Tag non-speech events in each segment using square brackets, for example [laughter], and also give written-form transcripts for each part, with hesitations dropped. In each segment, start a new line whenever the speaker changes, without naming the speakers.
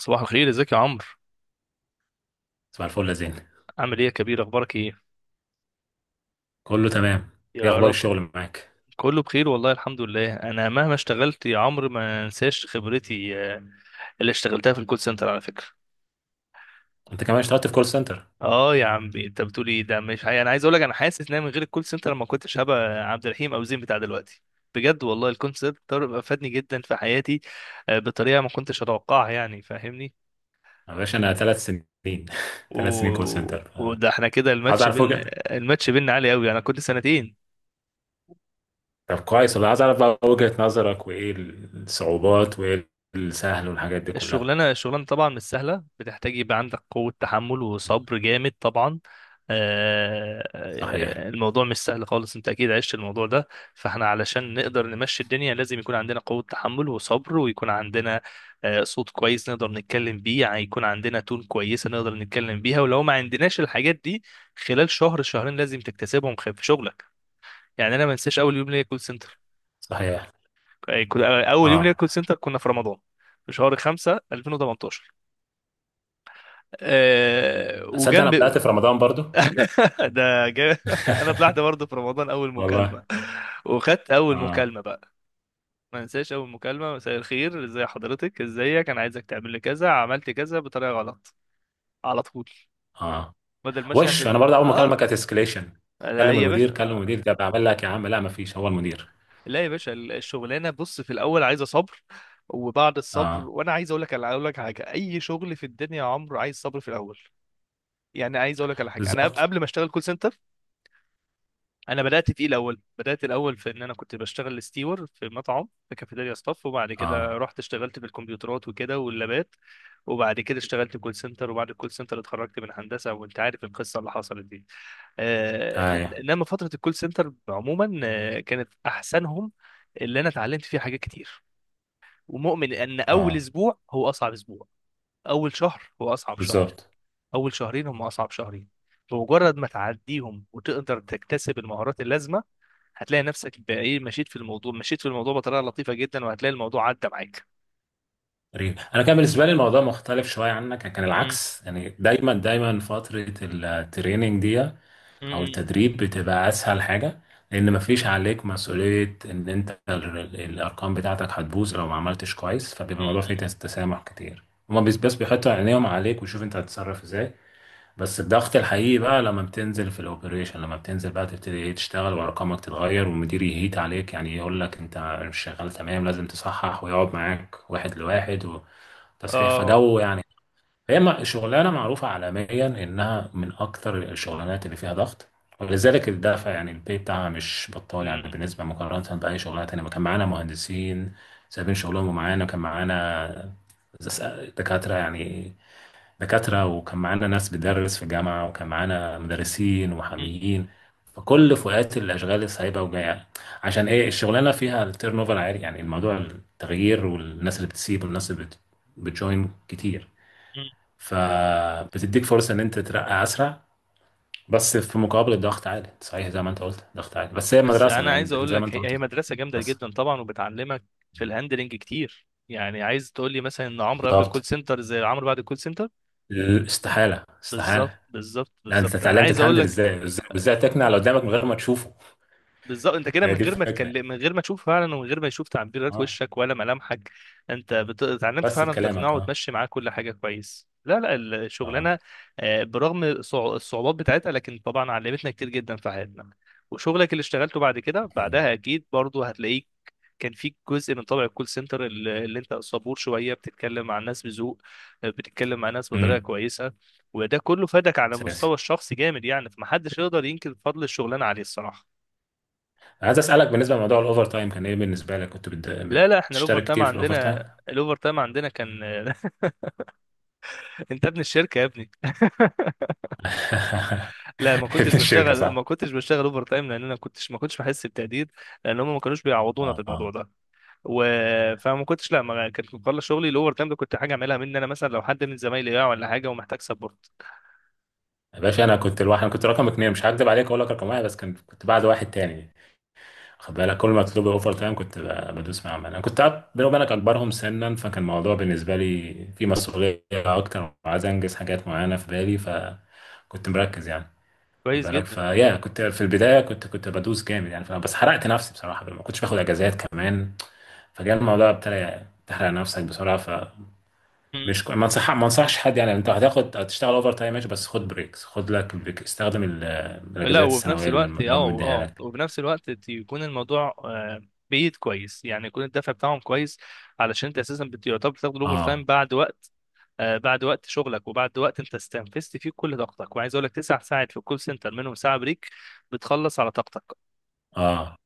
صباح الخير، ازيك يا عمرو؟
صباح الفل يا زين.
عامل ايه يا كبير، اخبارك ايه؟
كله تمام. ايه
يا
اخبار
رب.
الشغل معاك؟
كله بخير والله، الحمد لله. انا مهما اشتغلت يا عمرو ما انساش خبرتي اللي اشتغلتها في الكول سنتر، على فكرة.
انت كمان اشتغلت في كول سنتر؟
اه يا عم، انت بتقول ايه، ده مش حقيقي. انا عايز اقول لك، انا حاسس ان أنا من غير الكول سنتر ما كنتش هبقى عبد الرحيم او زين بتاع دلوقتي. بجد والله الكول سنتر افادني جدا في حياتي، بطريقة ما كنتش اتوقعها، يعني فاهمني.
يا باشا انا ثلاث سنين [laughs]
و...
ثلاث سنين كول سنتر
وده احنا كده
عايز اعرف وجهة.
الماتش بيننا عالي قوي، انا كنت سنتين.
طب كويس والله، عايز اعرف بقى وجهة نظرك، وايه الصعوبات وايه السهل والحاجات دي كلها.
الشغلانة طبعا مش سهلة، بتحتاج يبقى عندك قوة تحمل وصبر جامد طبعا.
صحيح.
الموضوع مش سهل خالص، انت اكيد عشت الموضوع ده. فاحنا علشان نقدر نمشي الدنيا لازم يكون عندنا قوة تحمل وصبر، ويكون عندنا صوت كويس نقدر نتكلم بيه، يعني يكون عندنا تون كويسة نقدر نتكلم بيها، ولو ما عندناش الحاجات دي خلال شهر شهرين لازم تكتسبهم في شغلك. يعني انا ما انساش اول يوم ليا كول سنتر
صحيح.
اول يوم
اه.
ليا كول سنتر كنا في رمضان، في شهر 5 2018.
اصدق انا
وجنب
بدأت في رمضان برضو.
[laughs] ده جا... [laughs] انا طلعت
[laughs]
برضه في رمضان اول مكالمه،
والله.
وخدت اول
اه.
مكالمه بقى. ما انساش اول مكالمه، مساء الخير، ازي حضرتك، ازيك، انا عايزك تعمل لي كذا. عملت كذا بطريقه غلط على طول،
اه.
بدل ما اشحن
وش انا
في
برضه اول ما اكلمك
اه.
كانت اسكليشن،
لا
كلم
يا
المدير
باشا،
كلم المدير، ده بعمل لك يا عم. لا، ما فيش هو المدير.
لا يا باشا، الشغلانه بص في الاول عايزه صبر، وبعد الصبر.
اه،
وانا عايز اقول لك على اقول لك حاجه، اي شغل في الدنيا يا عمرو عايز صبر في الاول. يعني عايز اقول لك على حاجه، انا
بالظبط.
قبل ما اشتغل كول سنتر، انا بدات الاول في ان انا كنت بشتغل ستيور في مطعم، في كافيتيريا ستاف، وبعد
اه.
كده رحت اشتغلت في الكمبيوترات وكده واللابات. وبعد كده اشتغلت كول سنتر، وبعد الكول سنتر اتخرجت من هندسه، وانت عارف القصه اللي حصلت دي.
ايوه.
انما فتره الكول سنتر عموما كانت احسنهم، اللي انا اتعلمت فيها حاجات كتير. ومؤمن ان اول
اه.
اسبوع هو اصعب اسبوع، اول شهر هو اصعب شهر،
بالظبط.
اول شهرين هم اصعب شهرين. بمجرد ما تعديهم وتقدر تكتسب المهارات اللازمه، هتلاقي نفسك بايه مشيت في الموضوع، مشيت في الموضوع بطريقه لطيفه جدا، وهتلاقي الموضوع عدى معاك.
غريب، انا كان بالنسبه لي الموضوع مختلف شويه عنك، كان
مم.
العكس يعني. دايما دايما فتره التريننج دي او
مم.
التدريب بتبقى اسهل حاجه، لان مفيش عليك مسؤوليه ان انت الارقام بتاعتك هتبوظ لو ما عملتش كويس، فبيبقى الموضوع فيه
مم.
تسامح كتير. هما بس بس بيحطوا عينيهم عليك ويشوف انت هتتصرف ازاي. بس الضغط الحقيقي بقى لما بتنزل في الاوبريشن، لما بتنزل بقى تبتدي ايه تشتغل، وارقامك تتغير والمدير يهيت عليك، يعني يقول لك انت مش شغال تمام، لازم تصحح ويقعد معاك واحد لواحد، وتصحيح
اه.
فجو يعني. هي شغلانه معروفه عالميا انها من اكتر الشغلانات اللي فيها ضغط، ولذلك الدافع يعني البي بتاعها مش بطال يعني،
مم.
بالنسبه مقارنه باي شغلانه تانيه. ما كان معانا مهندسين سايبين شغلهم، ومعانا كان معانا دكاتره يعني، دكاترة، وكان معانا ناس بتدرس في جامعة، وكان معانا مدرسين
مم.
ومحاميين. فكل فئات الأشغال سايبة وجاية. عشان إيه؟ الشغلانة فيها التيرن اوفر عالي، يعني الموضوع التغيير، والناس اللي بتسيب والناس اللي بتجوين كتير،
مم.
فبتديك فرصة إن أنت تترقى أسرع. بس في مقابل الضغط عالي. صحيح، زي ما أنت قلت ضغط عالي، بس هي
بس
مدرسة
انا
يعني،
عايز اقول
زي ما
لك،
أنت
هي
قلت.
هي مدرسه جامده
مدرسة.
جدا طبعا، وبتعلمك في الهاندلنج كتير. يعني عايز تقول لي مثلا ان عمرو قبل
بالظبط.
الكول سنتر زي عمرو بعد الكول سنتر؟
استحالة،
بالظبط،
استحالة.
بالظبط،
لا، أنت
بالظبط، انا
اتعلمت
عايز اقول
تهندل
لك.
إزاي وإزاي وإزاي، تقنع اللي قدامك من غير ما تشوفه.
بالظبط، انت كده
هي
من
دي
غير ما
الفكرة.
تكلم، من غير ما تشوف فعلا، ومن غير ما يشوف تعبيرات
اه،
وشك ولا ملامحك. انت اتعلمت
بس
فعلا تقنعه
بكلامك. اه.
وتمشي معاه كل حاجه كويس. لا لا
اه.
الشغلانه برغم الصعوبات بتاعتها، لكن طبعا علمتنا كتير جدا في حياتنا. وشغلك اللي اشتغلته بعد كده
اكيد.
بعدها اكيد برضو هتلاقيك كان فيك جزء من طبع الكول سنتر، اللي انت صبور شويه، بتتكلم مع الناس بذوق، بتتكلم مع الناس بطريقه
امم.
كويسه. وده كله فادك على
اساسي.
المستوى الشخصي جامد، يعني فمحدش يقدر ينكر فضل الشغلانه عليه الصراحه.
عايز اسالك بالنسبه لموضوع الاوفر تايم، كان ايه بالنسبه لك؟ كنت
لا لا احنا الاوفر
بتشترك
تايم
كتير في الاوفر تايم؟
عندنا
[laughs]
الاوفر تايم عندنا كان [laughs] انت ابن الشركه يا ابني [laughs] لا، ما كنتش
ابن الشركه
بشتغل
صح.
ما كنتش بشتغل اوفر تايم، لان انا ما كنتش بحس بتقدير، لان هم ما كانوش بيعوضونا في
اه.
الموضوع
اه.
ده. و... فما كنتش لا ما كنت بخلص شغلي، الاوفر تايم ده كنت حاجه اعملها مني انا، مثلا لو حد من زمايلي وقع ولا حاجه ومحتاج سبورت.
يا باشا، انا كنت الواحد، انا كنت رقم اتنين، مش هكدب عليك، اقول لك رقم واحد، بس كنت بعد واحد تاني. خد بالك، كل ما اطلب اوفر تايم كنت بدوس معاهم. انا كنت بيني وبينك اكبرهم سنا، فكان الموضوع بالنسبه لي في مسؤوليه اكتر، وعايز انجز حاجات معينه في بالي، فكنت مركز يعني. خد
كويس
بالك
جدا.
فيا كنت في البدايه، كنت بدوس جامد يعني، فبس حرقت نفسي بصراحه، ما كنتش باخد اجازات كمان. فجاء الموضوع ابتدى تحرق نفسك بسرعه، فمش
مم.
ما انصحش حد يعني. انت هتاخد، هتشتغل اوفر تايم ماشي، بس خد بريكس، خد لك بريك، استخدم
لا
الاجازات
وفي نفس
السنويه اللي
الوقت،
هم
اه
مديها
اه
لك.
وفي نفس الوقت، يكون الموضوع بايد كويس، يعني يكون الدفع بتاعهم كويس، علشان انت اساسا يعتبر بتاخد الاوفر تايم
اه.
بعد وقت، بعد وقت شغلك، وبعد وقت انت استنفذت فيه كل طاقتك. وعايز اقول لك، تسع ساعات في الكول سنتر منهم ساعه بريك، بتخلص على طاقتك.
اه.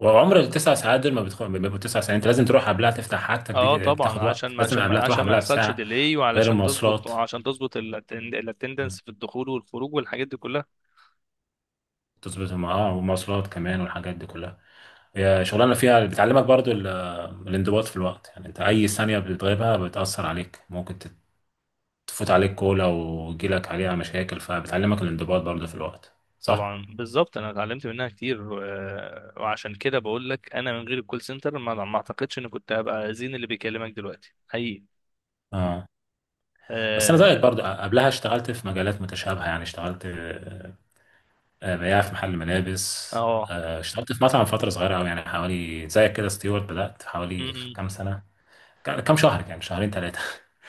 وعمر التسع ساعات دول ما بيبقوا تسع ساعات. انت لازم تروح قبلها تفتح حاجتك
اه
دي،
طبعا،
بتاخد وقت،
عشان ما
لازم
عشان ما
قبلها تروح
عشان ما
قبلها
يحصلش
بساعه
ديلي،
غير
وعلشان تظبط
المواصلات.
وعشان تظبط الاتندنس في الدخول والخروج والحاجات دي كلها.
تظبط والمواصلات كمان والحاجات دي كلها. هي شغلانة فيها بتعلمك برضو الانضباط في الوقت. يعني انت اي ثانية بتغيبها بتأثر عليك، ممكن تفوت عليك كولا ويجيلك عليها مشاكل، فبتعلمك الانضباط برضو في الوقت. صح؟
طبعا بالظبط، انا اتعلمت منها كتير، وعشان كده بقول لك انا من غير الكول سنتر ما اعتقدش اني كنت هبقى زين اللي بيكلمك دلوقتي، حقيقي.
اه. بس انا زيك
اه.
برضو قبلها اشتغلت في مجالات متشابهة يعني. اشتغلت بياع في محل ملابس.
اه.
اشتغلت في مطعم فترة صغيرة قوي يعني، حوالي زيك كده ستيوارت. بدأت
م-
حوالي
م.
كام سنة، كام شهر يعني، شهرين ثلاثة.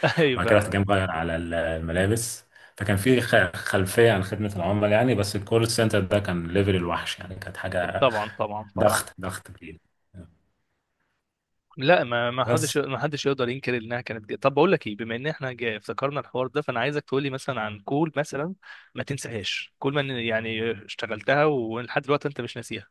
[laughs] ايوه
وبعد كده رحت
فعلا.
جاي مغير على الملابس. فكان في خلفية عن خدمة العملاء يعني، بس الكول سنتر ده كان ليفل الوحش يعني، كانت حاجة.
طبعا، طبعا،
[laughs]
طبعا.
ضغط، ضغط كبير.
لا ما ما حدش
بس
ما حدش يقدر ينكر انها كانت جاية. طب بقول لك ايه، بما ان احنا جاي افتكرنا الحوار ده، فانا عايزك تقول لي مثلا عن كول مثلا ما تنساهاش، كول ما يعني اشتغلتها ولحد دلوقتي انت مش ناسيها.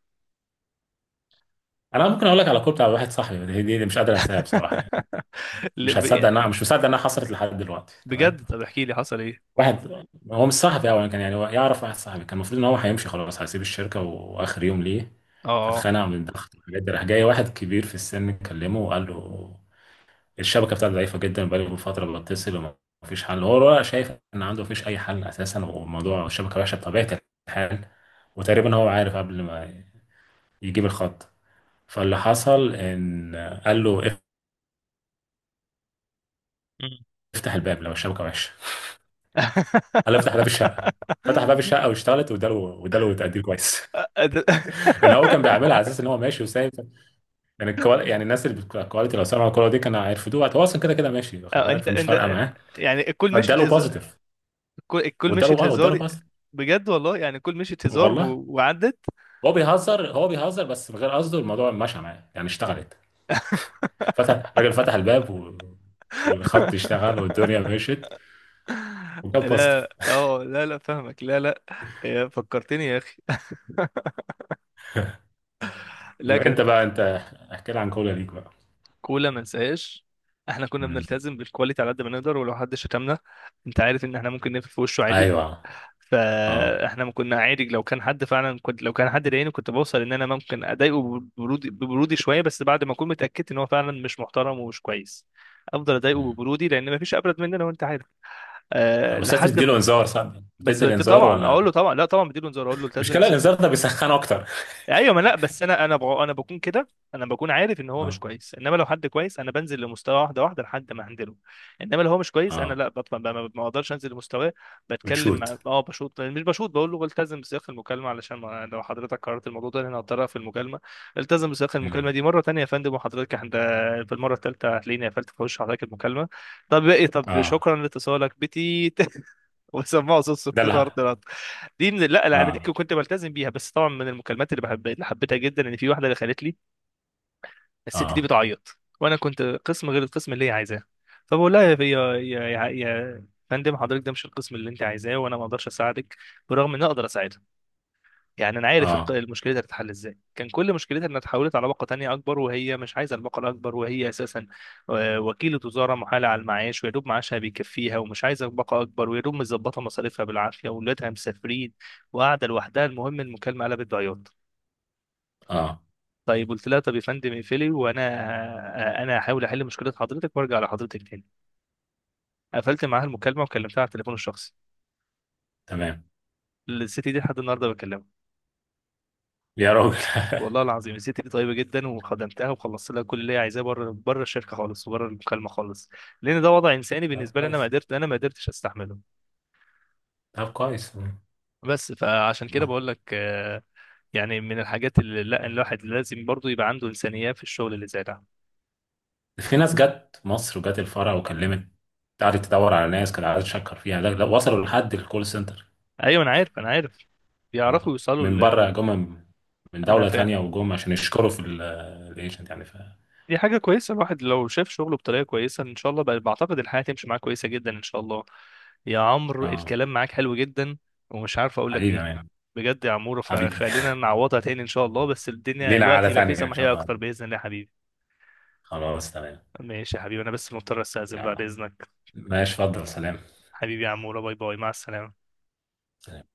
انا ممكن اقول لك على كول بتاع واحد صاحبي، دي مش قادر انساها بصراحه يعني.
[laughs] ل-
مش
ب-
هتصدق انها، مش مصدق انها حصلت لحد دلوقتي، تمام.
بجد، طب احكي لي حصل ايه.
واحد، هو مش صاحبي اولا، كان يعني هو يعرف واحد صاحبي، كان المفروض ان هو هيمشي خلاص، هيسيب الشركه، واخر يوم ليه
اه. آه.
فاتخانق من الضغط والحاجات دي. راح جاي واحد كبير في السن، كلمه وقال له الشبكه بتاعته ضعيفه جدا، بقاله من فتره بتصل، وما فيش حل، هو ولا شايف ان عنده فيش اي حل اساسا، وموضوع الشبكه وحشه بطبيعه الحال، وتقريبا هو عارف قبل ما يجيب الخط. فاللي حصل ان قال له
مم.
افتح الباب لو الشبكه وحشه، قال له افتح باب الشقه. فتح باب
[laughs]
الشقه واشتغلت، واداله تقدير كويس. [laughs] يعني هو كان بيعملها على اساس ان هو ماشي وسايب. يعني الناس اللي الكواليتي لو سمعوا الكوره دي كانوا هيرفضوها. هو اصلا كده كده ماشي واخد
اه
بالك،
انت
فمش فارقه
انت
معاه.
يعني الكل مشيت
فاداله
هزار.
بوزيتيف،
الكل
واداله،
مشيت
واداله
هزار،
بوزيتيف.
بجد والله يعني الكل مشيت هزار
والله.
وعدت.
هو بيهزر، هو بيهزر بس من غير قصده، الموضوع مشى معاه يعني، اشتغلت. فتح الراجل فتح الباب و... والخط اشتغل والدنيا
[laughs]
مشيت، وكان بوزيتيف.
لا اه، لا لا فاهمك، لا لا، يا فكرتني يا اخي. [laughs] لا كانت
انت بقى انت، احكي لي عن كولا ليك بقى.
كولا ما انساهاش. احنا كنا
مم.
بنلتزم بالكواليتي على قد ما نقدر، ولو حد شتمنا، انت عارف ان احنا ممكن نقفل في وشه عادي.
ايوه. اه.
فاحنا ما كنا عادي، لو كان حد ضايقني كنت بوصل ان انا ممكن اضايقه ببرودي، ببرودي شويه، بس بعد ما اكون متاكد ان هو فعلا مش محترم ومش كويس، افضل اضايقه
مم.
ببرودي، لان مفيش ابرد مننا وانت عارف. أه
بس لازم
لحد
تديله انذار، صح؟
بس
بتدي
بدي
الانذار
طبعا اقول له،
ولا؟
طبعا لا طبعا بديله انذار، اقول له التزم
المشكله
بس.
الانذار ده بيسخن اكتر. [laughs]
ايوه ما لا بس انا بكون كده. انا بكون عارف ان هو مش
اه.
كويس، انما لو حد كويس انا بنزل لمستوى، واحده واحده لحد ما هندله. انما لو هو مش كويس انا
اه.
لا بطلع، ما بقدرش انزل لمستواه. بتكلم
بتشوت.
مع... اه بشوط مش بشوط، بقول له التزم بسياق المكالمه، علشان ما... لو حضرتك قررت الموضوع ده إن انا هضطرها في المكالمه، التزم بسياق المكالمه
مم.
دي مره تانية يا فندم، وحضرتك عند في المره الثالثه هتلاقيني قفلت في وش حضرتك المكالمه. طب ايه، طب
اه.
شكرا لاتصالك بتيت. [laughs] وسموها صوت
ده
صوت فرد
لا.
رد. دي من، لا لا انا دي
اه.
كنت بلتزم بيها. بس طبعا من المكالمات اللي بحب اللي حبيتها جدا ان في واحده اللي خلت لي، الست دي
اه.
بتعيط وانا كنت قسم غير القسم اللي هي عايزاه. فبقول لها، يا فندم، حضرتك ده مش القسم اللي انت عايزاه، وانا ما اقدرش اساعدك، برغم ان أنا اقدر اساعدك. يعني انا عارف
اه.
المشكله دي هتتحل ازاي. كان كل مشكلتها انها اتحولت على باقه تانية اكبر، وهي مش عايزه الباقه الاكبر، وهي اساسا وكيله وزاره محاله على المعاش، ويا دوب معاشها بيكفيها، ومش عايزه باقه اكبر، ويا دوب مظبطه مصاريفها بالعافيه، واولادها مسافرين وقاعده لوحدها. المهم المكالمه قلبت بعياط،
اه.
طيب قلت لها طب يا فندم اقفلي، وانا انا هحاول احل مشكله حضرتك وارجع لحضرتك تاني. قفلت معاها المكالمه وكلمتها على التليفون الشخصي.
تمام.
الست دي لحد النهارده بكلمها.
يا راجل.
والله
[laughs]
العظيم الست دي طيبه جدا، وخدمتها وخلصت لها كل اللي هي عايزاه بره، بره الشركه خالص وبره المكالمه خالص، لان ده وضع انساني
طب
بالنسبه لي، انا ما
كويس.
قدرت، انا ما قدرتش استحمله.
طب كويس. مم.
بس فعشان كده بقول لك يعني من الحاجات اللي لا، الواحد لازم برضو يبقى عنده انسانيه في الشغل اللي زي ده.
في ناس جت مصر وجت الفرع وكلمت، قعدت تدور على ناس كانت قاعدة تشكر فيها، ده وصلوا لحد الكول سنتر.
ايوه انا عارف، انا عارف، بيعرفوا
والله.
يوصلوا
من بره
لل...
جم، من
انا
دولة
فاهم.
تانية، وجم عشان يشكروا في الايجنت يعني. ف
دي حاجة كويسة، الواحد لو شاف شغله بطريقة كويسة إن شاء الله بقى بعتقد الحياة تمشي معاه كويسة جدا إن شاء الله. يا عمرو
اه
الكلام معاك حلو جدا، ومش عارف أقول لك
حبيبي يا
إيه.
مان.
بجد يا عمورة،
حبيبي.
فخلينا
[laughs]
نعوضها تاني إن شاء الله، بس الدنيا
لينا
الوقت
قعدة
يبقى فيه
تانية ان شاء
سماحية
الله.
أكتر بإذن الله يا حبيبي.
خلاص تمام.
ماشي يا حبيبي، أنا بس مضطر أستأذن بقى
يلا.
بإذنك.
ماشي، اتفضل، سلام.
حبيبي يا عمورة، باي باي، مع السلامة.
سلام.